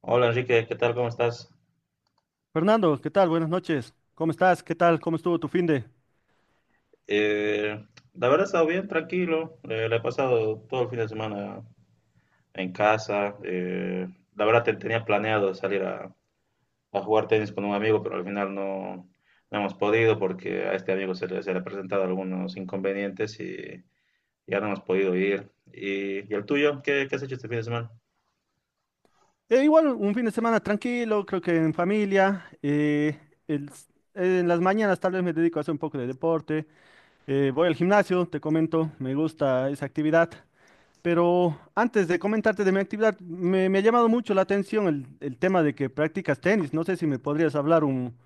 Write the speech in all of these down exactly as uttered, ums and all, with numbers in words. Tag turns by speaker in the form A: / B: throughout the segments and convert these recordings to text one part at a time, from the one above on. A: Hola Enrique, ¿qué tal? ¿Cómo estás?
B: Fernando, ¿qué tal? Buenas noches. ¿Cómo estás? ¿Qué tal? ¿Cómo estuvo tu fin de?
A: Eh, la verdad he estado bien, tranquilo. Eh, le he pasado todo el fin de semana en casa. Eh, la verdad te- tenía planeado salir a, a jugar tenis con un amigo, pero al final no, no hemos podido porque a este amigo se le, se le han presentado algunos inconvenientes y ya no hemos podido ir. ¿Y, y el tuyo? ¿Qué, qué has hecho este fin de semana?
B: Eh, igual, un fin de semana tranquilo, creo que en familia. Eh, el s- eh, en las mañanas tal vez me dedico a hacer un poco de deporte. Eh, voy al gimnasio, te comento, me gusta esa actividad. Pero antes de comentarte de mi actividad, me, me ha llamado mucho la atención el, el tema de que practicas tenis. No sé si me podrías hablar un,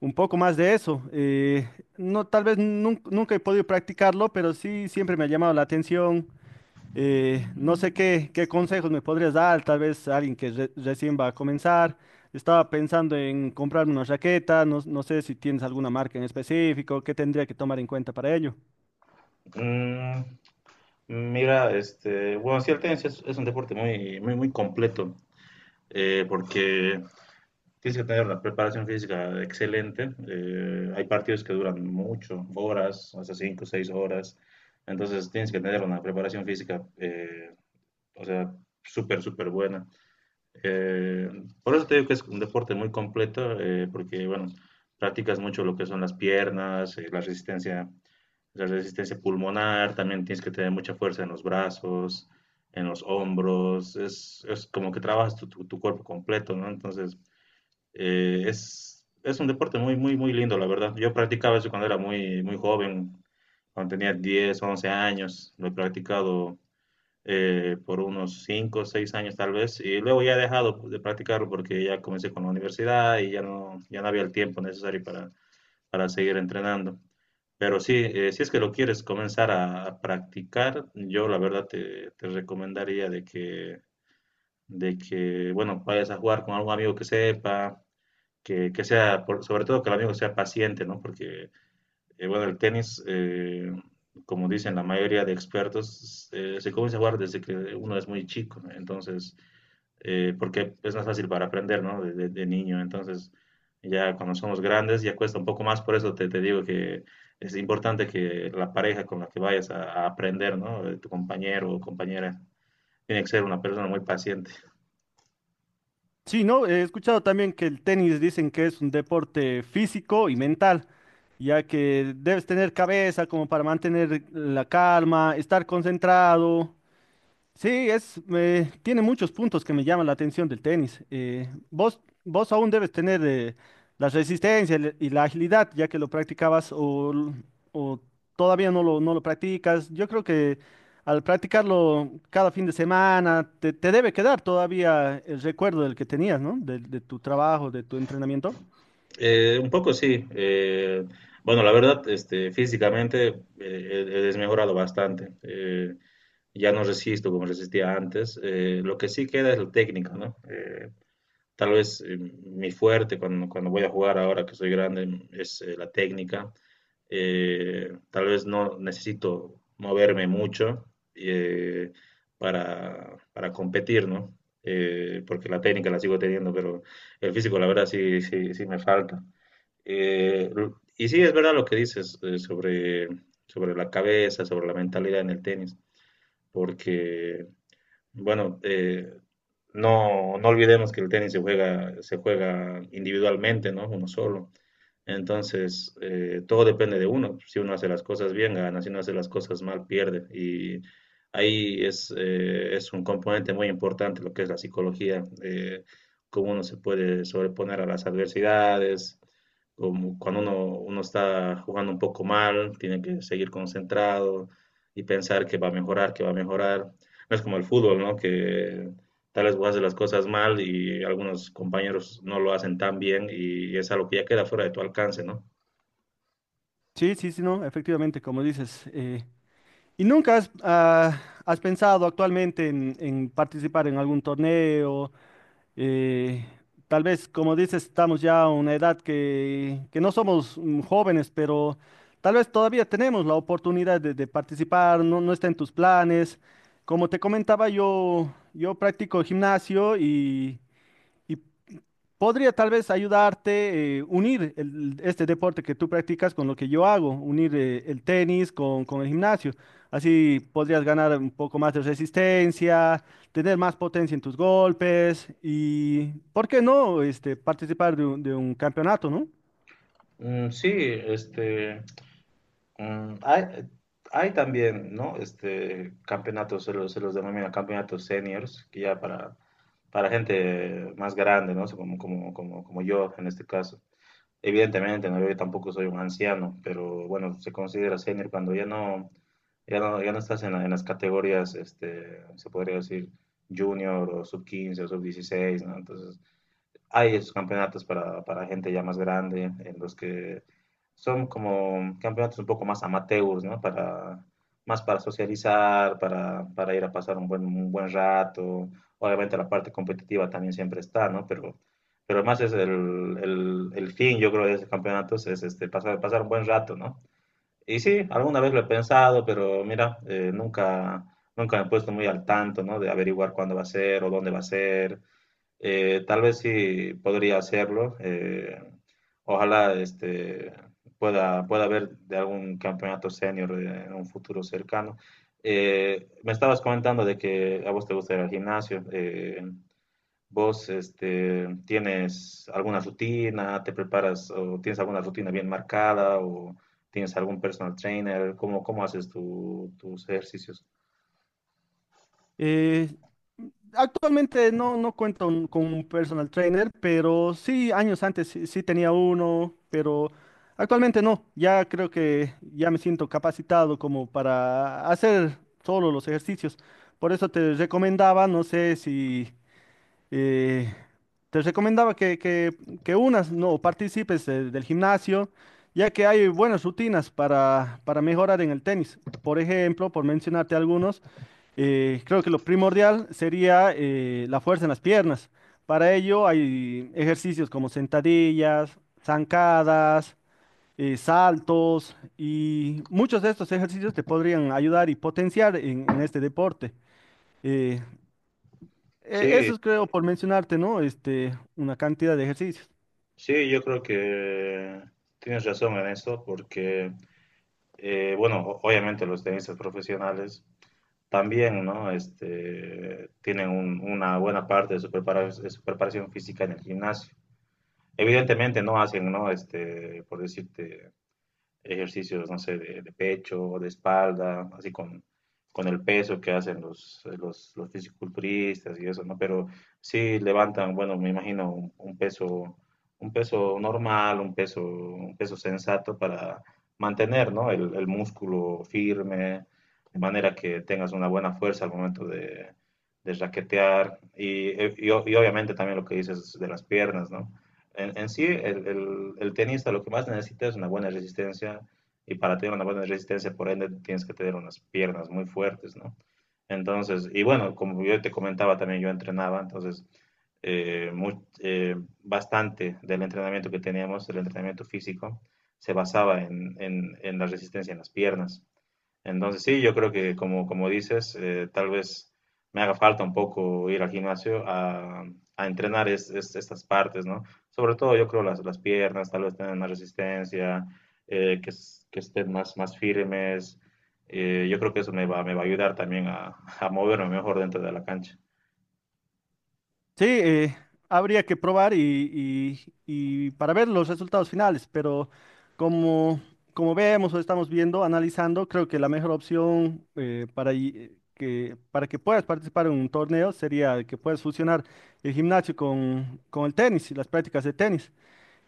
B: un poco más de eso. Eh, no, tal vez nun- nunca he podido practicarlo, pero sí siempre me ha llamado la atención. Eh, no sé qué, qué consejos me podrías dar, tal vez alguien que re- recién va a comenzar. Estaba pensando en comprarme una raqueta, no, no sé si tienes alguna marca en específico, qué tendría que tomar en cuenta para ello.
A: Mm, mira, este, bueno, sí, el tenis es, es un deporte muy, muy, muy completo eh, porque... Tienes que tener la preparación física excelente. eh, hay partidos que duran mucho, horas, hasta cinco o seis horas. Entonces tienes que tener una preparación física, eh, o sea, súper, súper buena. Eh, por eso te digo que es un deporte muy completo, eh, porque, bueno, practicas mucho lo que son las piernas, eh, la resistencia, la resistencia pulmonar, también tienes que tener mucha fuerza en los brazos, en los hombros. Es, es como que trabajas tu, tu- tu cuerpo completo, ¿no? Entonces, eh, es, es un deporte muy, muy, muy lindo, la verdad. Yo practicaba eso cuando era muy, muy joven, cuando tenía diez, once años. Lo he practicado eh, por unos cinco, seis años tal vez. Y luego ya he dejado de practicarlo porque ya comencé con la universidad y ya no, ya no había el tiempo necesario para, para seguir entrenando. Pero sí, eh, si es que lo quieres comenzar a, a practicar, yo la verdad te, te recomendaría de que, de que, bueno, vayas a jugar con algún amigo que sepa que, que sea, por- sobre todo que el amigo sea paciente, ¿no? Porque, eh, bueno, el tenis, eh, como dicen la mayoría de expertos, eh, se comienza a jugar desde que uno es muy chico, ¿no? Entonces, eh, porque es más fácil para aprender, ¿no? De, de- de niño. Entonces, ya cuando somos grandes ya cuesta un poco más, por eso te, te digo que es importante que la pareja con la que vayas a, a aprender, ¿no? Tu compañero o compañera tiene que ser una persona muy paciente.
B: Sí, no, he escuchado también que el tenis dicen que es un deporte físico y mental, ya que debes tener cabeza como para mantener la calma, estar concentrado. Sí, es, me- tiene muchos puntos que me llaman la atención del tenis. Eh, vos, vos aún debes tener eh, la resistencia el- y la agilidad, ya que lo practicabas o, l- o todavía no lo, no lo practicas. Yo creo que al practicarlo cada fin de semana, te, te debe quedar todavía el recuerdo del que tenías, ¿no? De, de tu trabajo, de tu entrenamiento.
A: Eh, un poco sí. Eh, bueno, la verdad, este, físicamente eh, he he desmejorado bastante. Eh, ya no resisto como resistía antes. Eh, lo que sí queda es la técnica, ¿no? Eh, tal vez eh, mi fuerte cuando, cuando voy a jugar ahora que soy grande es eh, la técnica. Eh, tal vez no necesito moverme mucho eh, para, para competir, ¿no? Eh, porque la técnica la sigo teniendo, pero el físico, la verdad, sí, sí, sí me falta. Eh, y sí, es verdad lo que dices eh, sobre, sobre la cabeza, sobre la mentalidad en el tenis, porque, bueno, eh, no, no olvidemos que el tenis se juega, se juega individualmente, ¿no? Uno solo. Entonces, eh, todo depende de uno. Si uno hace las cosas bien, gana. Si uno hace las cosas mal, pierde. Y ahí es, eh, es un componente muy importante lo que es la psicología, eh, cómo uno se puede sobreponer a las adversidades, como cuando uno, uno está jugando un poco mal, tiene que seguir concentrado y pensar que va a mejorar, que va a mejorar. No es como el fútbol, ¿no? Que tal vez vos haces las cosas mal y algunos compañeros no lo hacen tan bien y es algo que ya queda fuera de tu alcance, ¿no?
B: Sí, sí, sí, no, efectivamente, como dices. Eh, ¿y nunca has, ah, has pensado actualmente en en participar en algún torneo? Eh, Tal vez, como dices, estamos ya a una edad que, que no somos mm, jóvenes, pero tal vez todavía tenemos la oportunidad de, de participar, no, no está en tus planes. Como te comentaba, yo, yo practico gimnasio y, y podría tal vez ayudarte eh, unir el- este deporte que tú practicas con lo que yo hago, unir eh, el tenis con, con el gimnasio. Así podrías ganar un poco más de resistencia, tener más potencia en tus golpes y, ¿por qué no, este, participar de un, de un campeonato, ¿no?
A: Mm, sí, este, mm, hay, hay también, ¿no? Este, campeonatos, se los, se los denomina campeonatos seniors, que ya para, para gente más grande, ¿no? Como, como, como, como yo en este caso. Evidentemente, ¿no? Yo tampoco soy un anciano, pero bueno, se considera senior cuando ya no, ya no, ya no estás en, la- en las categorías, este, se podría decir junior o sub quince o sub dieciséis, ¿no? Entonces, hay esos campeonatos para, para gente ya más grande, en los que son como campeonatos un poco más amateurs, ¿no? Para, más para socializar, para, para ir a pasar un buen, un buen rato. Obviamente la parte competitiva también siempre está, ¿no? Pero, pero más es el, el, el fin, yo creo, de esos campeonatos es este, pasar, pasar un buen rato, ¿no? Y sí, alguna vez lo he pensado, pero mira, eh, nunca, nunca me he puesto muy al tanto, ¿no? De averiguar cuándo va a ser o dónde va a ser. Eh, tal vez sí podría hacerlo. eh, ojalá este, pueda, pueda ver de algún campeonato senior eh, en un futuro cercano. Eh, me estabas comentando de que a vos te gusta ir al gimnasio. eh, ¿vos este, tienes alguna rutina? ¿Te preparas o tienes alguna rutina bien marcada? ¿O tienes algún personal trainer? ¿Cómo, cómo haces tu- tus ejercicios?
B: Eh, Actualmente no, no cuento un- con un personal trainer, pero sí, años antes sí, sí tenía uno, pero actualmente no. Ya creo que ya me siento capacitado como para hacer solo los ejercicios. Por eso te recomendaba, no sé si eh, te recomendaba que, que, que unas, no, participes eh, del gimnasio, ya que hay buenas rutinas para, para mejorar en el tenis. Por ejemplo, por mencionarte algunos. Eh, creo que lo primordial sería eh, la fuerza en las piernas. Para ello hay ejercicios como sentadillas, zancadas, eh, saltos y muchos de estos ejercicios te podrían ayudar y potenciar en, en este deporte. Eh, e-
A: Sí,
B: Eso es, creo, por mencionarte, ¿no? Este, una cantidad de ejercicios.
A: sí, yo creo que tienes razón en eso porque... Eh, bueno, o- obviamente los tenistas profesionales también, ¿no? Este, tienen un- una buena parte de su prepara- de su preparación física en el gimnasio. Evidentemente no hacen, ¿no? Este, por decirte, ejercicios, no sé, de, de pecho, de espalda, así con, con el peso que hacen los, los, los fisiculturistas y eso, ¿no? Pero sí levantan, bueno, me imagino un, un peso, un peso normal, un peso, un peso sensato para mantener, ¿no? El, el músculo firme, de manera que tengas una buena fuerza al momento de, de raquetear. Y, eh, y, y obviamente también lo que dices de las piernas, ¿no? En, en sí, el, el, el tenista lo que más necesita es una buena resistencia y para tener una buena resistencia, por ende, tienes que tener unas piernas muy fuertes, ¿no? Entonces, y bueno, como yo te comentaba también, yo entrenaba, entonces, eh, mu- eh, bastante del entrenamiento que teníamos, el entrenamiento físico, se basaba en, en- en la resistencia en las piernas. Entonces sí, yo creo que como, como dices, eh, tal vez me haga falta un poco ir al gimnasio a, a entrenar es- es- estas partes, ¿no? Sobre todo yo creo las, las piernas, tal vez tengan más resistencia, eh, que, es- que estén más, más firmes. Eh, yo creo que eso me va, me va a ayudar también a, a moverme mejor dentro de la cancha.
B: Sí, eh, habría que probar y, y- y para ver los resultados finales, pero como, como vemos o estamos viendo, analizando, creo que la mejor opción eh, para, y- que, para que puedas participar en un torneo sería que puedas fusionar el gimnasio con, con el tenis y las prácticas de tenis.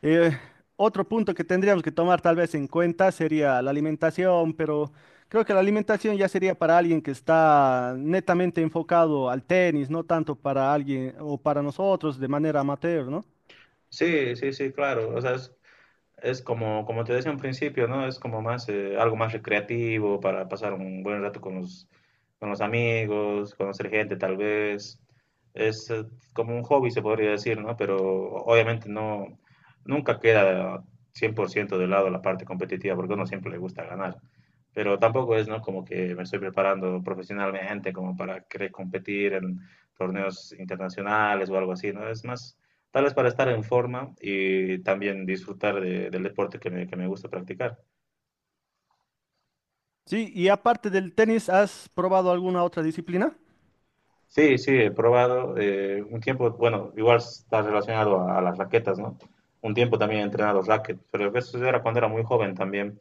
B: Eh, Otro punto que tendríamos que tomar tal vez en cuenta sería la alimentación, pero creo que la alimentación ya sería para alguien que está netamente enfocado al tenis, no tanto para alguien o para nosotros de manera amateur, ¿no?
A: Sí, sí, sí, claro. O sea, es- es como, como te decía en principio, ¿no? Es como más, eh, algo más recreativo para pasar un buen rato con los, con los amigos, conocer gente tal vez. Es eh, como un hobby, se podría decir, ¿no? Pero obviamente no, nunca queda cien por ciento de lado la parte competitiva, porque a uno siempre le gusta ganar. Pero tampoco es, ¿no? Como que me estoy preparando profesionalmente como para querer competir en torneos internacionales o algo así, ¿no? Es más, tal vez para estar en forma y también disfrutar de- del deporte que me, que me gusta practicar.
B: Sí, y aparte del tenis, ¿has probado alguna otra disciplina?
A: Sí, sí, he probado eh, un tiempo, bueno, igual está relacionado a, a las raquetas, ¿no? Un tiempo también he entrenado racket, pero eso era cuando era muy joven también.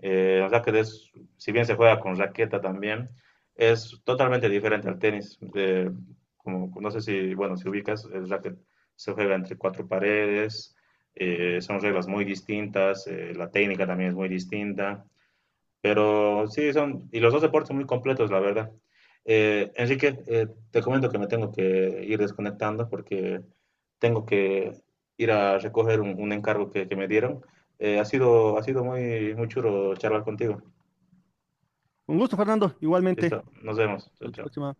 A: Eh, el racket es, si bien se juega con raqueta también, es totalmente diferente al tenis. Eh, como, no sé si, bueno, si ubicas, el racket se juega entre cuatro paredes, eh, son reglas muy distintas, eh, la técnica también es muy distinta. Pero sí, son, y los dos deportes muy completos, la verdad. Eh, Enrique, eh, te comento que me tengo que ir desconectando porque tengo que ir a recoger un, un encargo que, que me dieron. Eh, ha sido, ha sido muy, muy chulo charlar contigo.
B: Un gusto, Fernando,
A: Listo,
B: igualmente.
A: nos vemos.
B: Hasta
A: Chao,
B: la
A: chao.
B: próxima.